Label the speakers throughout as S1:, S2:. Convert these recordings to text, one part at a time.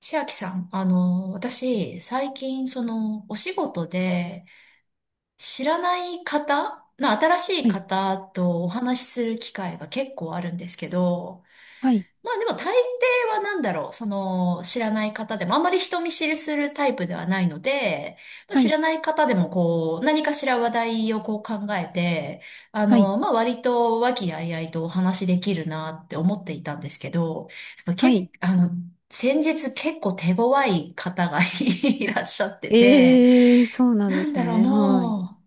S1: 千秋さん、私、最近、お仕事で、知らない方、まあ、新しい
S2: はい、
S1: 方とお話しする機会が結構あるんですけど、
S2: はい、
S1: まあでも大抵はなんだろう、その知らない方でもあんまり人見知りするタイプではないので、まあ、
S2: は
S1: 知
S2: い、
S1: らない方でもこう何かしら話題をこう考えて、
S2: はい、
S1: まあ割と和気あいあいとお話しできるなって思っていたんですけど、やっぱ
S2: は
S1: け
S2: い。
S1: っ、あの、先日結構手強い方が いらっしゃってて、
S2: ええ、そうなん
S1: な
S2: で
S1: ん
S2: す
S1: だろう、
S2: ね。はい。
S1: もう、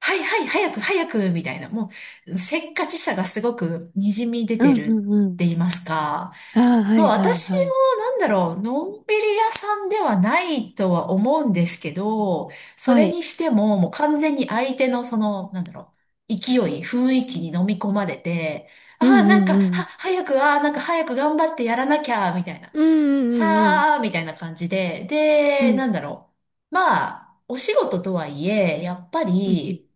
S1: はいはい早く早くみたいな、もうせっかちさがすごくにじみ出
S2: う
S1: て
S2: ん、
S1: るっ
S2: うん、うん。
S1: て言いますか、
S2: ああ、は
S1: もう
S2: い、はい、
S1: 私
S2: はい。
S1: もなんだろう、のんびり屋さんではないとは思うんですけど、そ
S2: は
S1: れ
S2: い。
S1: にしてももう完全に相手のその、なんだろう、勢い、雰囲気に飲み込まれて、あ
S2: う
S1: あ、
S2: ん、
S1: なん
S2: うん、
S1: か、
S2: うん。
S1: 早く、ああ、なんか早く頑張ってやらなきゃ、みたいな、
S2: うん、
S1: さ
S2: うん、うん、
S1: あ、みたいな感じで、
S2: う
S1: で、
S2: ん。う
S1: な
S2: ん、
S1: んだろう。まあ、お仕事とはいえ、やっぱ
S2: うんうん。
S1: り、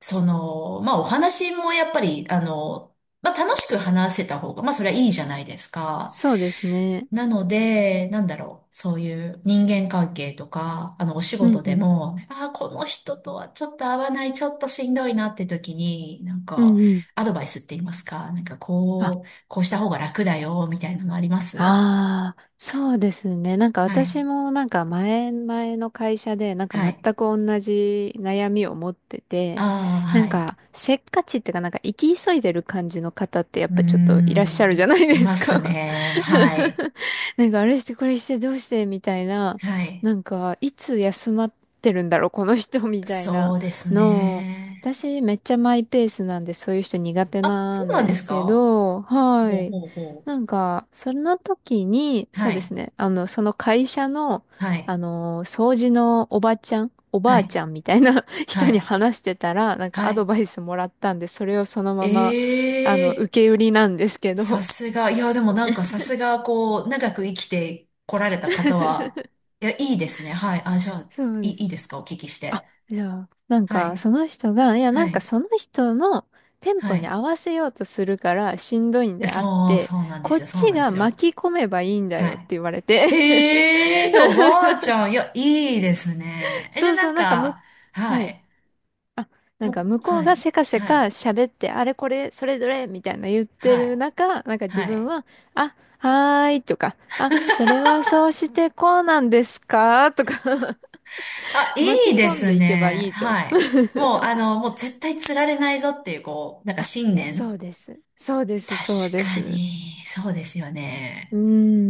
S1: その、まあお話もやっぱり、まあ楽しく話せた方が、まあそれはいいじゃないですか。
S2: そうですね。
S1: なので、なんだろう、そういう人間関係とか、お仕
S2: う
S1: 事
S2: ん、う
S1: で
S2: ん、
S1: も、ああ、この人とはちょっと合わない、ちょっとしんどいなって時に、なん
S2: う
S1: か、
S2: ん、うん。
S1: アドバイスって言いますか、なんか
S2: あ、
S1: こう、こうした方が楽だよ、みたいなのあります
S2: ああ、そうですね。なんか
S1: はい。
S2: 私もなんか前々の会社でなんか
S1: は
S2: 全
S1: い。
S2: く同じ悩みを持ってて、
S1: ああ、
S2: な
S1: は
S2: んか
S1: い。
S2: せっかちっていうかなんか生き急いでる感じの方ってやっ
S1: うー
S2: ぱちょっといらっしゃるじゃ
S1: ん、
S2: ない
S1: い
S2: で
S1: ま
S2: す
S1: す
S2: か。
S1: ね。はい。
S2: なんかあれしてこれしてどうしてみたいな、
S1: はい。
S2: なんかいつ休まってるんだろうこの人みたい
S1: そ
S2: な
S1: うです
S2: のを、
S1: ね。
S2: 私めっちゃマイペースなんでそういう人苦手
S1: あ、
S2: な
S1: そう
S2: ん
S1: なん
S2: で
S1: です
S2: すけ
S1: か
S2: ど、は
S1: ほう
S2: い。
S1: ほうほう。
S2: なんか、その時に、そ
S1: は
S2: うです
S1: い。
S2: ね、その会社の、
S1: はい。
S2: 掃除のおばちゃん、おば
S1: は
S2: あ
S1: い。
S2: ちゃんみたいな 人
S1: は
S2: に
S1: い。
S2: 話してたら、なん
S1: は
S2: かアド
S1: い。
S2: バイスもらったんで、それをそのまま、
S1: え
S2: 受
S1: え
S2: け売りなんですけ
S1: さ
S2: ど。
S1: すが。いや、でもなんかさすが、こう、長く生きてこられた方は、いや、いいですね。はい。あ、じゃあ、
S2: そう
S1: いい、
S2: です。
S1: いいですかお聞きして。
S2: あ、じゃあ、なん
S1: は
S2: か、
S1: い。
S2: その人が、いや、な
S1: は
S2: んか
S1: い。
S2: その人のテン
S1: は
S2: ポに
S1: い。
S2: 合わせようとするからしんどいん
S1: え
S2: であっ
S1: そう、
S2: て、
S1: そうなんで
S2: こ
S1: す
S2: っ
S1: よ。そう
S2: ち
S1: なんで
S2: が
S1: すよ。
S2: 巻き込めばいいんだ
S1: は
S2: よって
S1: い。
S2: 言われて。
S1: へえ、おばあちゃん。いや、いいです ね。え、じ
S2: そ
S1: ゃあ
S2: う
S1: な
S2: そう、
S1: ん
S2: なんかむ、
S1: か、
S2: は
S1: は
S2: い。
S1: い。
S2: あなんか
S1: も
S2: 向
S1: う、
S2: こう
S1: は
S2: がせ
S1: い。
S2: かせ
S1: は
S2: か
S1: い。
S2: 喋って、あれこれ、それどれみたいな言って
S1: はい。
S2: る中、なんか
S1: は
S2: 自分
S1: い。
S2: は、あ、はーいとか、あ、それはそうしてこうなんですかとか
S1: あ、い
S2: 巻
S1: い
S2: き
S1: で
S2: 込ん
S1: す
S2: でいけば
S1: ね。
S2: いいと。
S1: はい。もう、もう絶対釣られないぞっていう、こう、なんか
S2: あ、
S1: 信念。
S2: そうです。そうです、
S1: 確
S2: そうで
S1: か
S2: す。
S1: に、そうですよね。
S2: う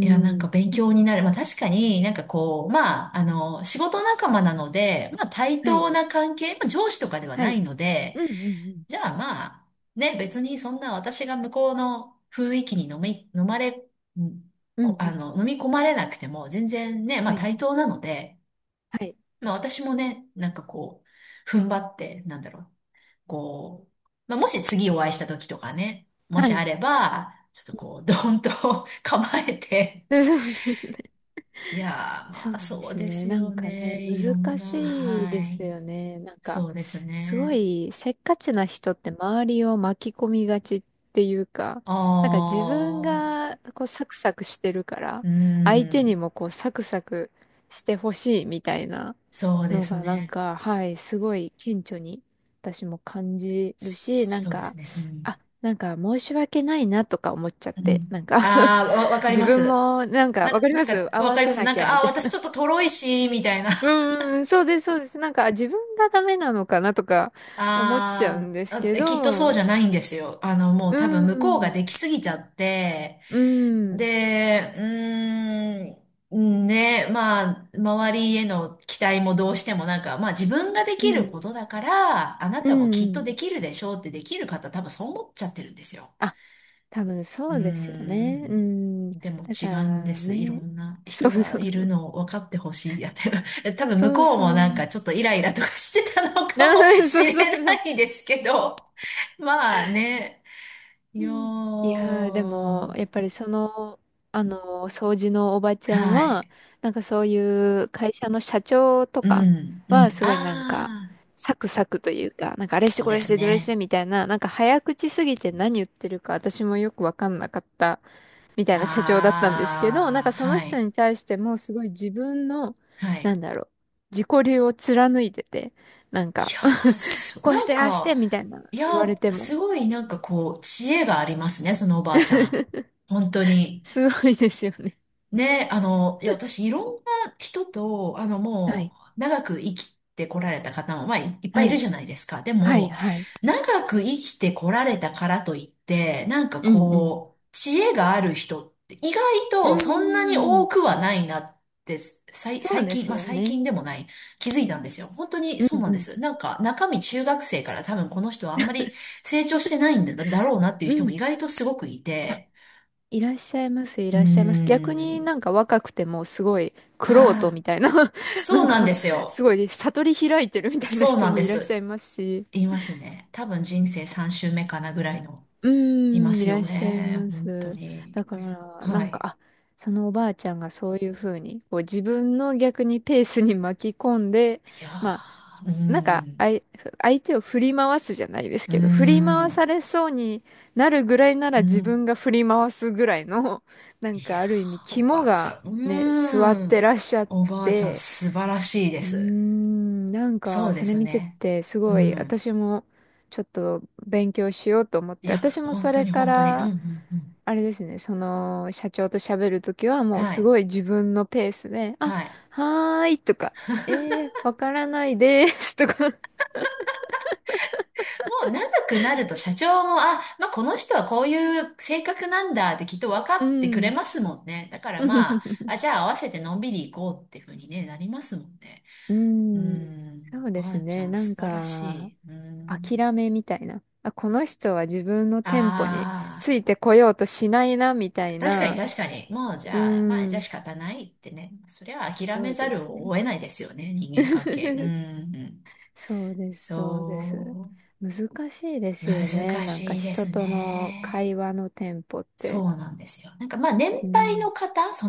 S1: いや、なん
S2: ん。
S1: か勉強になる。まあ確かになんかこう、まあ、仕事仲間なので、まあ対
S2: はい、
S1: 等な関係、まあ上司とかでは
S2: は
S1: な
S2: い。
S1: いので、
S2: うんうんうん。
S1: じゃあまあ、ね、別にそんな私が向こうの雰囲気に飲み、飲まれ、うん
S2: うん
S1: こ、
S2: うん。
S1: 飲み込まれなくても全然ね、まあ
S2: はい、
S1: 対等なので、
S2: はい、
S1: まあ私もね、なんかこう、踏ん張って、なんだろう。こう、まあ、もし次お会いした時とかね、も
S2: は
S1: しあ
S2: い。
S1: れば、ちょっと
S2: うん
S1: こう、ドーンと 構えて、
S2: そうです
S1: いやー、
S2: そ
S1: ま
S2: う
S1: あ、
S2: で
S1: そう
S2: す
S1: で
S2: ね。
S1: す
S2: なん
S1: よ
S2: かね、
S1: ね。いろん
S2: 難
S1: な、
S2: しいで
S1: はい。
S2: すよね。なんか、
S1: そうです
S2: すご
S1: ね。
S2: いせっかちな人って周りを巻き込みがちっていうか、なんか自分
S1: ああ、
S2: がこうサクサクしてるから、
S1: う
S2: 相手に
S1: ん。
S2: もこうサクサクしてほしいみたいな
S1: そうで
S2: の
S1: す
S2: がなん
S1: ね。
S2: か、はい、すごい顕著に私も感じるし、なん
S1: そうで
S2: か、
S1: すね。うん。
S2: あ、なんか申し訳ないなとか思っちゃっ
S1: う
S2: て、
S1: ん。
S2: なんか
S1: ああ、わ、わかり
S2: 自
S1: ま
S2: 分
S1: す。
S2: もなんか
S1: な、
S2: わかり
S1: な
S2: ま
S1: んか、
S2: す合
S1: わ
S2: わ
S1: かりま
S2: せ
S1: す。
S2: な
S1: なん
S2: きゃ
S1: か、
S2: み
S1: ああ、
S2: たい
S1: 私ち
S2: な
S1: ょっととろいし、みたいな。
S2: うんうん、そうです、そうです。なんか、自分がダメなのかなとか思っちゃう
S1: あ
S2: んです
S1: ーあ、
S2: け
S1: き
S2: ど、
S1: っとそう
S2: う
S1: じゃ
S2: ん、
S1: ないんですよ。もう
S2: う
S1: 多分向こうが
S2: ん、
S1: できすぎちゃって、
S2: うん、
S1: で、うーん、ね、まあ、周りへの期待もどうしてもなんか、まあ自分がで
S2: う
S1: きる
S2: ん、
S1: ことだから、あな
S2: う
S1: たもきっとで
S2: ん。
S1: きるでしょうってできる方多分そう思っちゃってるんですよ。
S2: あ、多分そ
S1: うー
S2: うですよね。う
S1: ん。
S2: ん。
S1: でも
S2: だ
S1: 違
S2: か
S1: うんで
S2: ら
S1: す。いろ
S2: ね、
S1: んな
S2: そ
S1: 人
S2: う
S1: が
S2: そ
S1: い
S2: う、
S1: るのを分かってほしい。やって 多分向
S2: そう
S1: こう
S2: そ
S1: もなんか
S2: う。
S1: ちょっとイライラとかしてたのか
S2: な
S1: も
S2: そ
S1: し
S2: う
S1: れ
S2: そうそ
S1: な
S2: う。
S1: いですけど。まあね。い
S2: う
S1: や
S2: んいやー、で
S1: ー。
S2: も、やっぱりその、掃除のおばち
S1: は
S2: ゃんは、
S1: い。
S2: なんかそういう会社の社長と
S1: う
S2: か
S1: ん、う
S2: は、
S1: ん。
S2: すごいなんか、
S1: ああ、
S2: サクサクというか、なんかあれして
S1: そう
S2: こ
S1: で
S2: れし
S1: す
S2: てどれし
S1: ね。
S2: てみたいな、なんか早口すぎて何言ってるか私もよくわかんなかったみたいな社長だったんですけど、なん
S1: あ
S2: か
S1: あ、
S2: その
S1: は
S2: 人
S1: い、
S2: に対してもすごい自分の、
S1: は
S2: な
S1: い。
S2: んだろう、自己流を貫いてて、なん
S1: い
S2: か
S1: やー、す
S2: こう
S1: な
S2: し
S1: ん
S2: てああして
S1: か、
S2: みたいな
S1: い
S2: 言
S1: や
S2: わ
S1: ー、
S2: れても。
S1: すごいなんかこう、知恵がありますね、そのおばあちゃん。本当に。
S2: すごいですよね。
S1: ね、いや、私、いろんな人と、
S2: は
S1: も
S2: い。
S1: う、長く生きてこられた方も、まあ、いいっぱ
S2: は
S1: いいる
S2: い。
S1: じゃないですか。で
S2: はい。
S1: も、
S2: はい。
S1: 長く生きてこられたからといって、なんか
S2: うんうん。
S1: こう、知恵がある人って意外
S2: うー
S1: とそんなに多
S2: ん。
S1: くはないなって、さい、
S2: そう
S1: 最
S2: で
S1: 近、
S2: す
S1: まあ
S2: よ
S1: 最
S2: ね。
S1: 近でもない、気づいたんですよ。本当に
S2: うん
S1: そうな
S2: う
S1: んで
S2: ん。
S1: す。なんか中身中学生から多分この人はあんまり成長してないんだ、だろうなっていう
S2: う
S1: 人も意
S2: ん。
S1: 外とすごくい
S2: あ、
S1: て、
S2: いらっしゃいます、い
S1: う
S2: らっしゃいます。
S1: ー
S2: 逆に
S1: ん。
S2: なんか若くてもすごい
S1: あ
S2: 玄人
S1: あ。
S2: みたいな
S1: そ
S2: なん
S1: うなん
S2: か
S1: です
S2: す
S1: よ。
S2: ごい悟り開いてるみたいな
S1: そう
S2: 人
S1: なん
S2: も
S1: で
S2: いらっしゃ
S1: す。
S2: いますし。
S1: いますね。多分人生3周目かなぐらいの、
S2: うー
S1: いま
S2: ん、い
S1: す
S2: らっ
S1: よ
S2: しゃい
S1: ね。
S2: ま
S1: 本当
S2: す。だ
S1: に。
S2: から、な
S1: は
S2: んか、
S1: い。
S2: あ、そのおばあちゃんがそういうふうに、こう自分の逆にペースに巻き込んで、
S1: いや
S2: まあ、
S1: ー、うー
S2: なんか、
S1: ん、
S2: 相手を振り回すじゃないです
S1: うー
S2: けど、振り回さ
S1: ん、
S2: れそうになるぐらいな
S1: う
S2: ら自
S1: ん。
S2: 分が振り回すぐらいの、な
S1: い
S2: ん
S1: や
S2: かある意味
S1: ー、お
S2: 肝
S1: ばあちゃ
S2: が
S1: ん、
S2: ね、座っ
S1: うー
S2: てら
S1: ん。
S2: っしゃっ
S1: おばあちゃん、
S2: て、
S1: 素晴らしいで
S2: うー
S1: す。
S2: ん、なん
S1: そ
S2: か
S1: う
S2: そ
S1: で
S2: れ
S1: す
S2: 見て
S1: ね。
S2: てす
S1: う
S2: ごい
S1: ん。
S2: 私もちょっと勉強しようと思っ
S1: い
S2: て、
S1: や、
S2: 私も
S1: 本
S2: そ
S1: 当
S2: れ
S1: に
S2: か
S1: 本当に。うん、う
S2: ら、
S1: ん、うん。
S2: あれですね、その社長と喋るときはもう
S1: は
S2: す
S1: い。
S2: ごい自分のペースで、あ、
S1: はい。
S2: はーいとか、えー、わからないですとか
S1: もう長くなると社長も、あ、まあこの人はこういう性格なんだってきっと分か
S2: う
S1: ってくれ
S2: ん。
S1: ますもんね。だからまあ、あ、じゃあ合わせてのんびり行こうっていうふうにね、なりますもんね。
S2: う
S1: うー
S2: ん。
S1: ん、
S2: そう
S1: お
S2: で
S1: ば
S2: す
S1: あちゃ
S2: ね。
S1: ん
S2: な
S1: 素
S2: ん
S1: 晴らし
S2: か、
S1: い。うーん。
S2: 諦めみたいな。あ、この人は自分のテンポにつ
S1: あ
S2: いてこようとしないな、みた
S1: あ、
S2: い
S1: 確かに
S2: な。
S1: 確かに。もうじ
S2: う
S1: ゃあ、まあじゃあ
S2: ん。
S1: 仕方ないってね。それは諦
S2: そ
S1: め
S2: う
S1: ざ
S2: で
S1: る
S2: すね。
S1: を得ないですよね、人間関係。うー ん、
S2: そうです、そうです。
S1: そ
S2: 難しいで
S1: う。
S2: すよね。
S1: 難
S2: なんか
S1: しいで
S2: 人
S1: す
S2: との
S1: ね。
S2: 会話のテンポっ
S1: そ
S2: て。
S1: うなんですよ。なんかまあ年
S2: う
S1: 配
S2: ん。
S1: の方、そ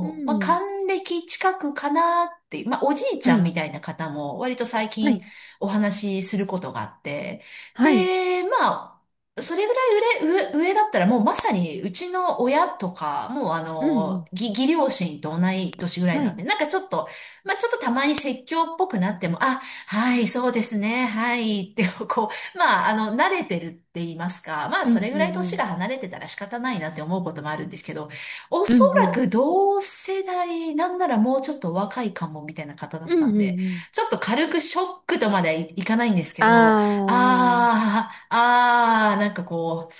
S2: う
S1: まあ
S2: ん。
S1: 還暦近くかなっていう、まあおじいち
S2: は
S1: ゃん
S2: い。
S1: みたいな方も割と最
S2: は
S1: 近
S2: い。
S1: お話しすることがあって、
S2: はい。
S1: で、まあ、それぐらい上だったらもうまさにうちの親とか、もうあ
S2: うんう
S1: の、
S2: ん。
S1: 義両親と同い年ぐらい
S2: は
S1: なん
S2: い。
S1: で、なんかちょっと、まあちょっとたまに説教っぽくなっても、あ、はい、そうですね、はい、ってこう、まあ、慣れてるって言いますか、まあ、
S2: う
S1: そ
S2: ん
S1: れぐ
S2: う
S1: らい
S2: んう
S1: 年
S2: ん。
S1: が離れてたら仕方ないなって思うこともあるんですけど、お
S2: う
S1: そ
S2: んう
S1: ら
S2: ん。
S1: く同世代、なんならもうちょっと若いかもみたいな方だ
S2: う
S1: った
S2: んう
S1: んで、
S2: んうん。
S1: ちょっと軽くショックとまでいかないんですけ
S2: あ
S1: ど、
S2: あ、
S1: あー、あー、なんかこ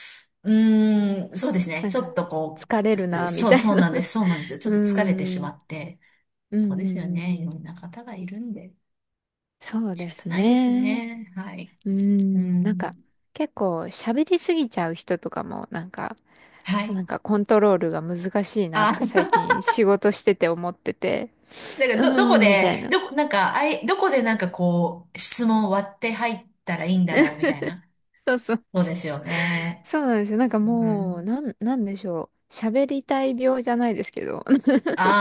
S1: う、うーん、そうですね、
S2: なん
S1: ちょっ
S2: か、
S1: とこ
S2: 疲れる
S1: う、
S2: な、み
S1: そう、
S2: たい
S1: そう
S2: な。
S1: なんです、そうなんですよ。ちょ
S2: う
S1: っ
S2: ー
S1: と疲れてし
S2: ん、う
S1: ま
S2: ん、
S1: って、
S2: うん、
S1: そうですよね、い
S2: う
S1: ろ
S2: ん
S1: んな方がいるんで、
S2: そう
S1: 仕
S2: で
S1: 方
S2: す
S1: ないです
S2: ね。
S1: ね、はい。
S2: うー
S1: う
S2: ん、なんか、
S1: ん。
S2: 結構喋りすぎちゃう人とかも、なんか、
S1: はい。
S2: なんかコントロールが難しいなっ
S1: あ、
S2: て最 近仕事してて思ってて、
S1: なんかど、ど
S2: うー
S1: こ
S2: ん、みたい
S1: で、
S2: な。
S1: どこ、なんか、どこでなんかこう、質問を割って入ったらいいんだろうみたいな。
S2: そうそう、
S1: そう
S2: そ
S1: です
S2: う
S1: よね。
S2: そうそうなんですよ。なんか
S1: う
S2: もう、
S1: ん。
S2: なんでしょう。喋りたい病じゃないですけど。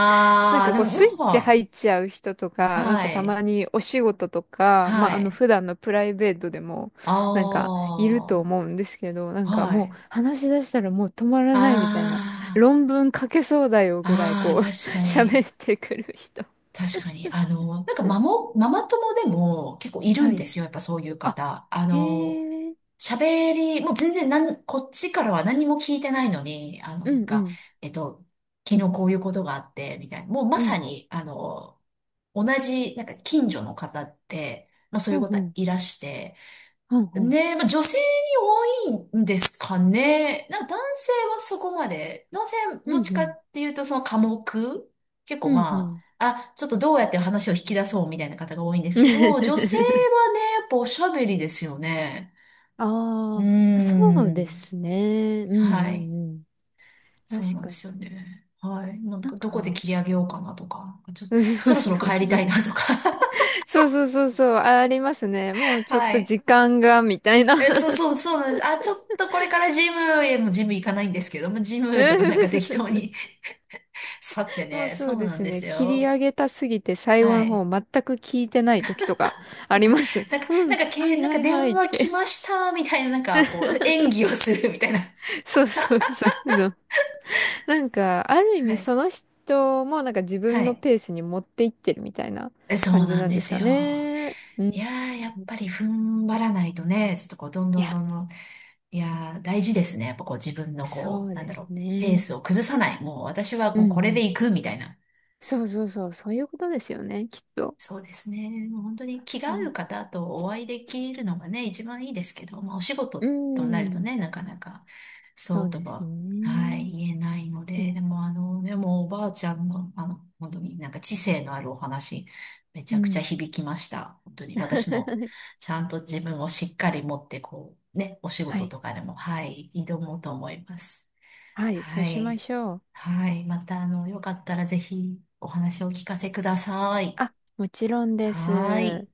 S2: なん
S1: あ、
S2: か
S1: で
S2: こうスイ
S1: も
S2: ッチ
S1: も
S2: 入っ
S1: う、
S2: ちゃう人とか、なん
S1: は
S2: かた
S1: い、
S2: まにお仕事とか、ま
S1: は
S2: ああの
S1: い。
S2: 普段のプライベートでも
S1: あ
S2: なんかいると
S1: あ、
S2: 思うんですけど、なんか
S1: は
S2: もう
S1: い。
S2: 話し出したらもう止まらないみたいな、
S1: あ
S2: 論文書けそうだよぐらい
S1: あ、あ
S2: こ
S1: あ、
S2: う
S1: 確か
S2: 喋
S1: に、
S2: ってくる人。
S1: 確かに。ママ友でも結構いる
S2: は
S1: んで
S2: い。
S1: すよ。やっぱそういう
S2: あ、
S1: 方。
S2: へえ、
S1: もう全然なん、こっちからは何も聞いてないのに、
S2: う
S1: なん
S2: んう
S1: か、
S2: ん、
S1: えっと、昨日こういうことがあって、みたいな。もうま
S2: う
S1: さ
S2: ん、
S1: に、同じ、なんか近所の方って、まあそう
S2: う
S1: いう
S2: んう
S1: 方
S2: ん、
S1: いらして。
S2: うんうん、
S1: ね、まあ女性に多いんですかね。なんか男性はそこまで、男性は
S2: う
S1: どっ
S2: ん
S1: ち
S2: う
S1: か
S2: ん、
S1: っていうとその寡黙結構
S2: うんう
S1: ま
S2: ん。
S1: あ、あ、ちょっとどうやって話を引き出そうみたいな方が多いんですけど、女 性はね、やっぱおしゃべりですよね。う
S2: あ
S1: ー
S2: ーあ、そうで
S1: ん。
S2: すね。うんう
S1: は
S2: んうん
S1: い。
S2: うんうんうんうんうんうんうんうんああそうですねうんうんうん
S1: そう
S2: 確
S1: なん
S2: か
S1: で
S2: に。
S1: すよね。はい。なん
S2: なん
S1: か、どこで
S2: か、
S1: 切り上げようかなとか、ちょっと、
S2: うんそ
S1: そ
S2: う
S1: ろそろ
S2: そう
S1: 帰り
S2: そ
S1: たい
S2: う。
S1: なとか。
S2: そうそうそうそう。あありますね。もう ちょっ
S1: は
S2: と
S1: い。
S2: 時間が、みたいな。
S1: え、そうなんです。あ、ちょっとこれからジムへもうジム行かないんですけども、ジムとかなん
S2: う
S1: か適当
S2: ん
S1: に 去って
S2: もう
S1: ね。
S2: そ
S1: そ
S2: う
S1: う
S2: で
S1: なん
S2: す
S1: で
S2: ね。
S1: す
S2: 切り
S1: よ。
S2: 上げたすぎて最
S1: は
S2: 後の方
S1: い。
S2: 全く聞いてない時とかあり
S1: た
S2: ます。
S1: なん か、
S2: う
S1: な
S2: ん。
S1: んか、
S2: は
S1: け、
S2: い
S1: なん
S2: は
S1: か
S2: い
S1: 電
S2: はいっ
S1: 話来
S2: て。
S1: ました、みたいな、なんか、こう、演技をするみたいな。
S2: そうそうそうそう。なんか、ある意
S1: は
S2: 味
S1: い。
S2: その人もなんか自
S1: は
S2: 分の
S1: い。
S2: ペースに持っていってるみたいな
S1: えそう
S2: 感じ
S1: なん
S2: なんで
S1: で
S2: す
S1: す
S2: か
S1: よ。
S2: ね。う
S1: い
S2: ん。
S1: やー、やっぱり踏ん張らないとね、ちょっとこう、どん
S2: い
S1: どん
S2: や、
S1: どんどん、いやー、大事ですね。やっぱこう、自分の
S2: そ
S1: こ
S2: う
S1: う、なん
S2: で
S1: だろ
S2: す
S1: う、ペー
S2: ね。
S1: スを崩さない。もう私は
S2: う
S1: もうこ
S2: んう
S1: れ
S2: ん。
S1: で行くみたいな。
S2: そうそうそう、そういうことですよね、きっと。
S1: そうですね。もう本当に気が
S2: う
S1: 合
S2: ん。
S1: う方とお会いできるのがね、一番いいですけど、まあお仕
S2: うー
S1: 事となると
S2: ん。
S1: ね、なかなかそ
S2: そ
S1: う
S2: う
S1: と
S2: です
S1: は、は
S2: ね。
S1: い、言えないの
S2: い
S1: で、
S2: え。
S1: でもあの、でもおばあちゃんの、あの、本当になんか知性のあるお話、めち
S2: う
S1: ゃくちゃ
S2: ん。
S1: 響きました。本当に私も ちゃんと自分をしっかり持って、こう、ね、お仕
S2: は
S1: 事
S2: い。
S1: とかでも、はい、挑もうと思います。
S2: はい、そう
S1: は
S2: しま
S1: い。
S2: しょう。
S1: はい。また、あの、よかったらぜひお話をお聞かせください。
S2: あ、もちろんで
S1: はい。
S2: す。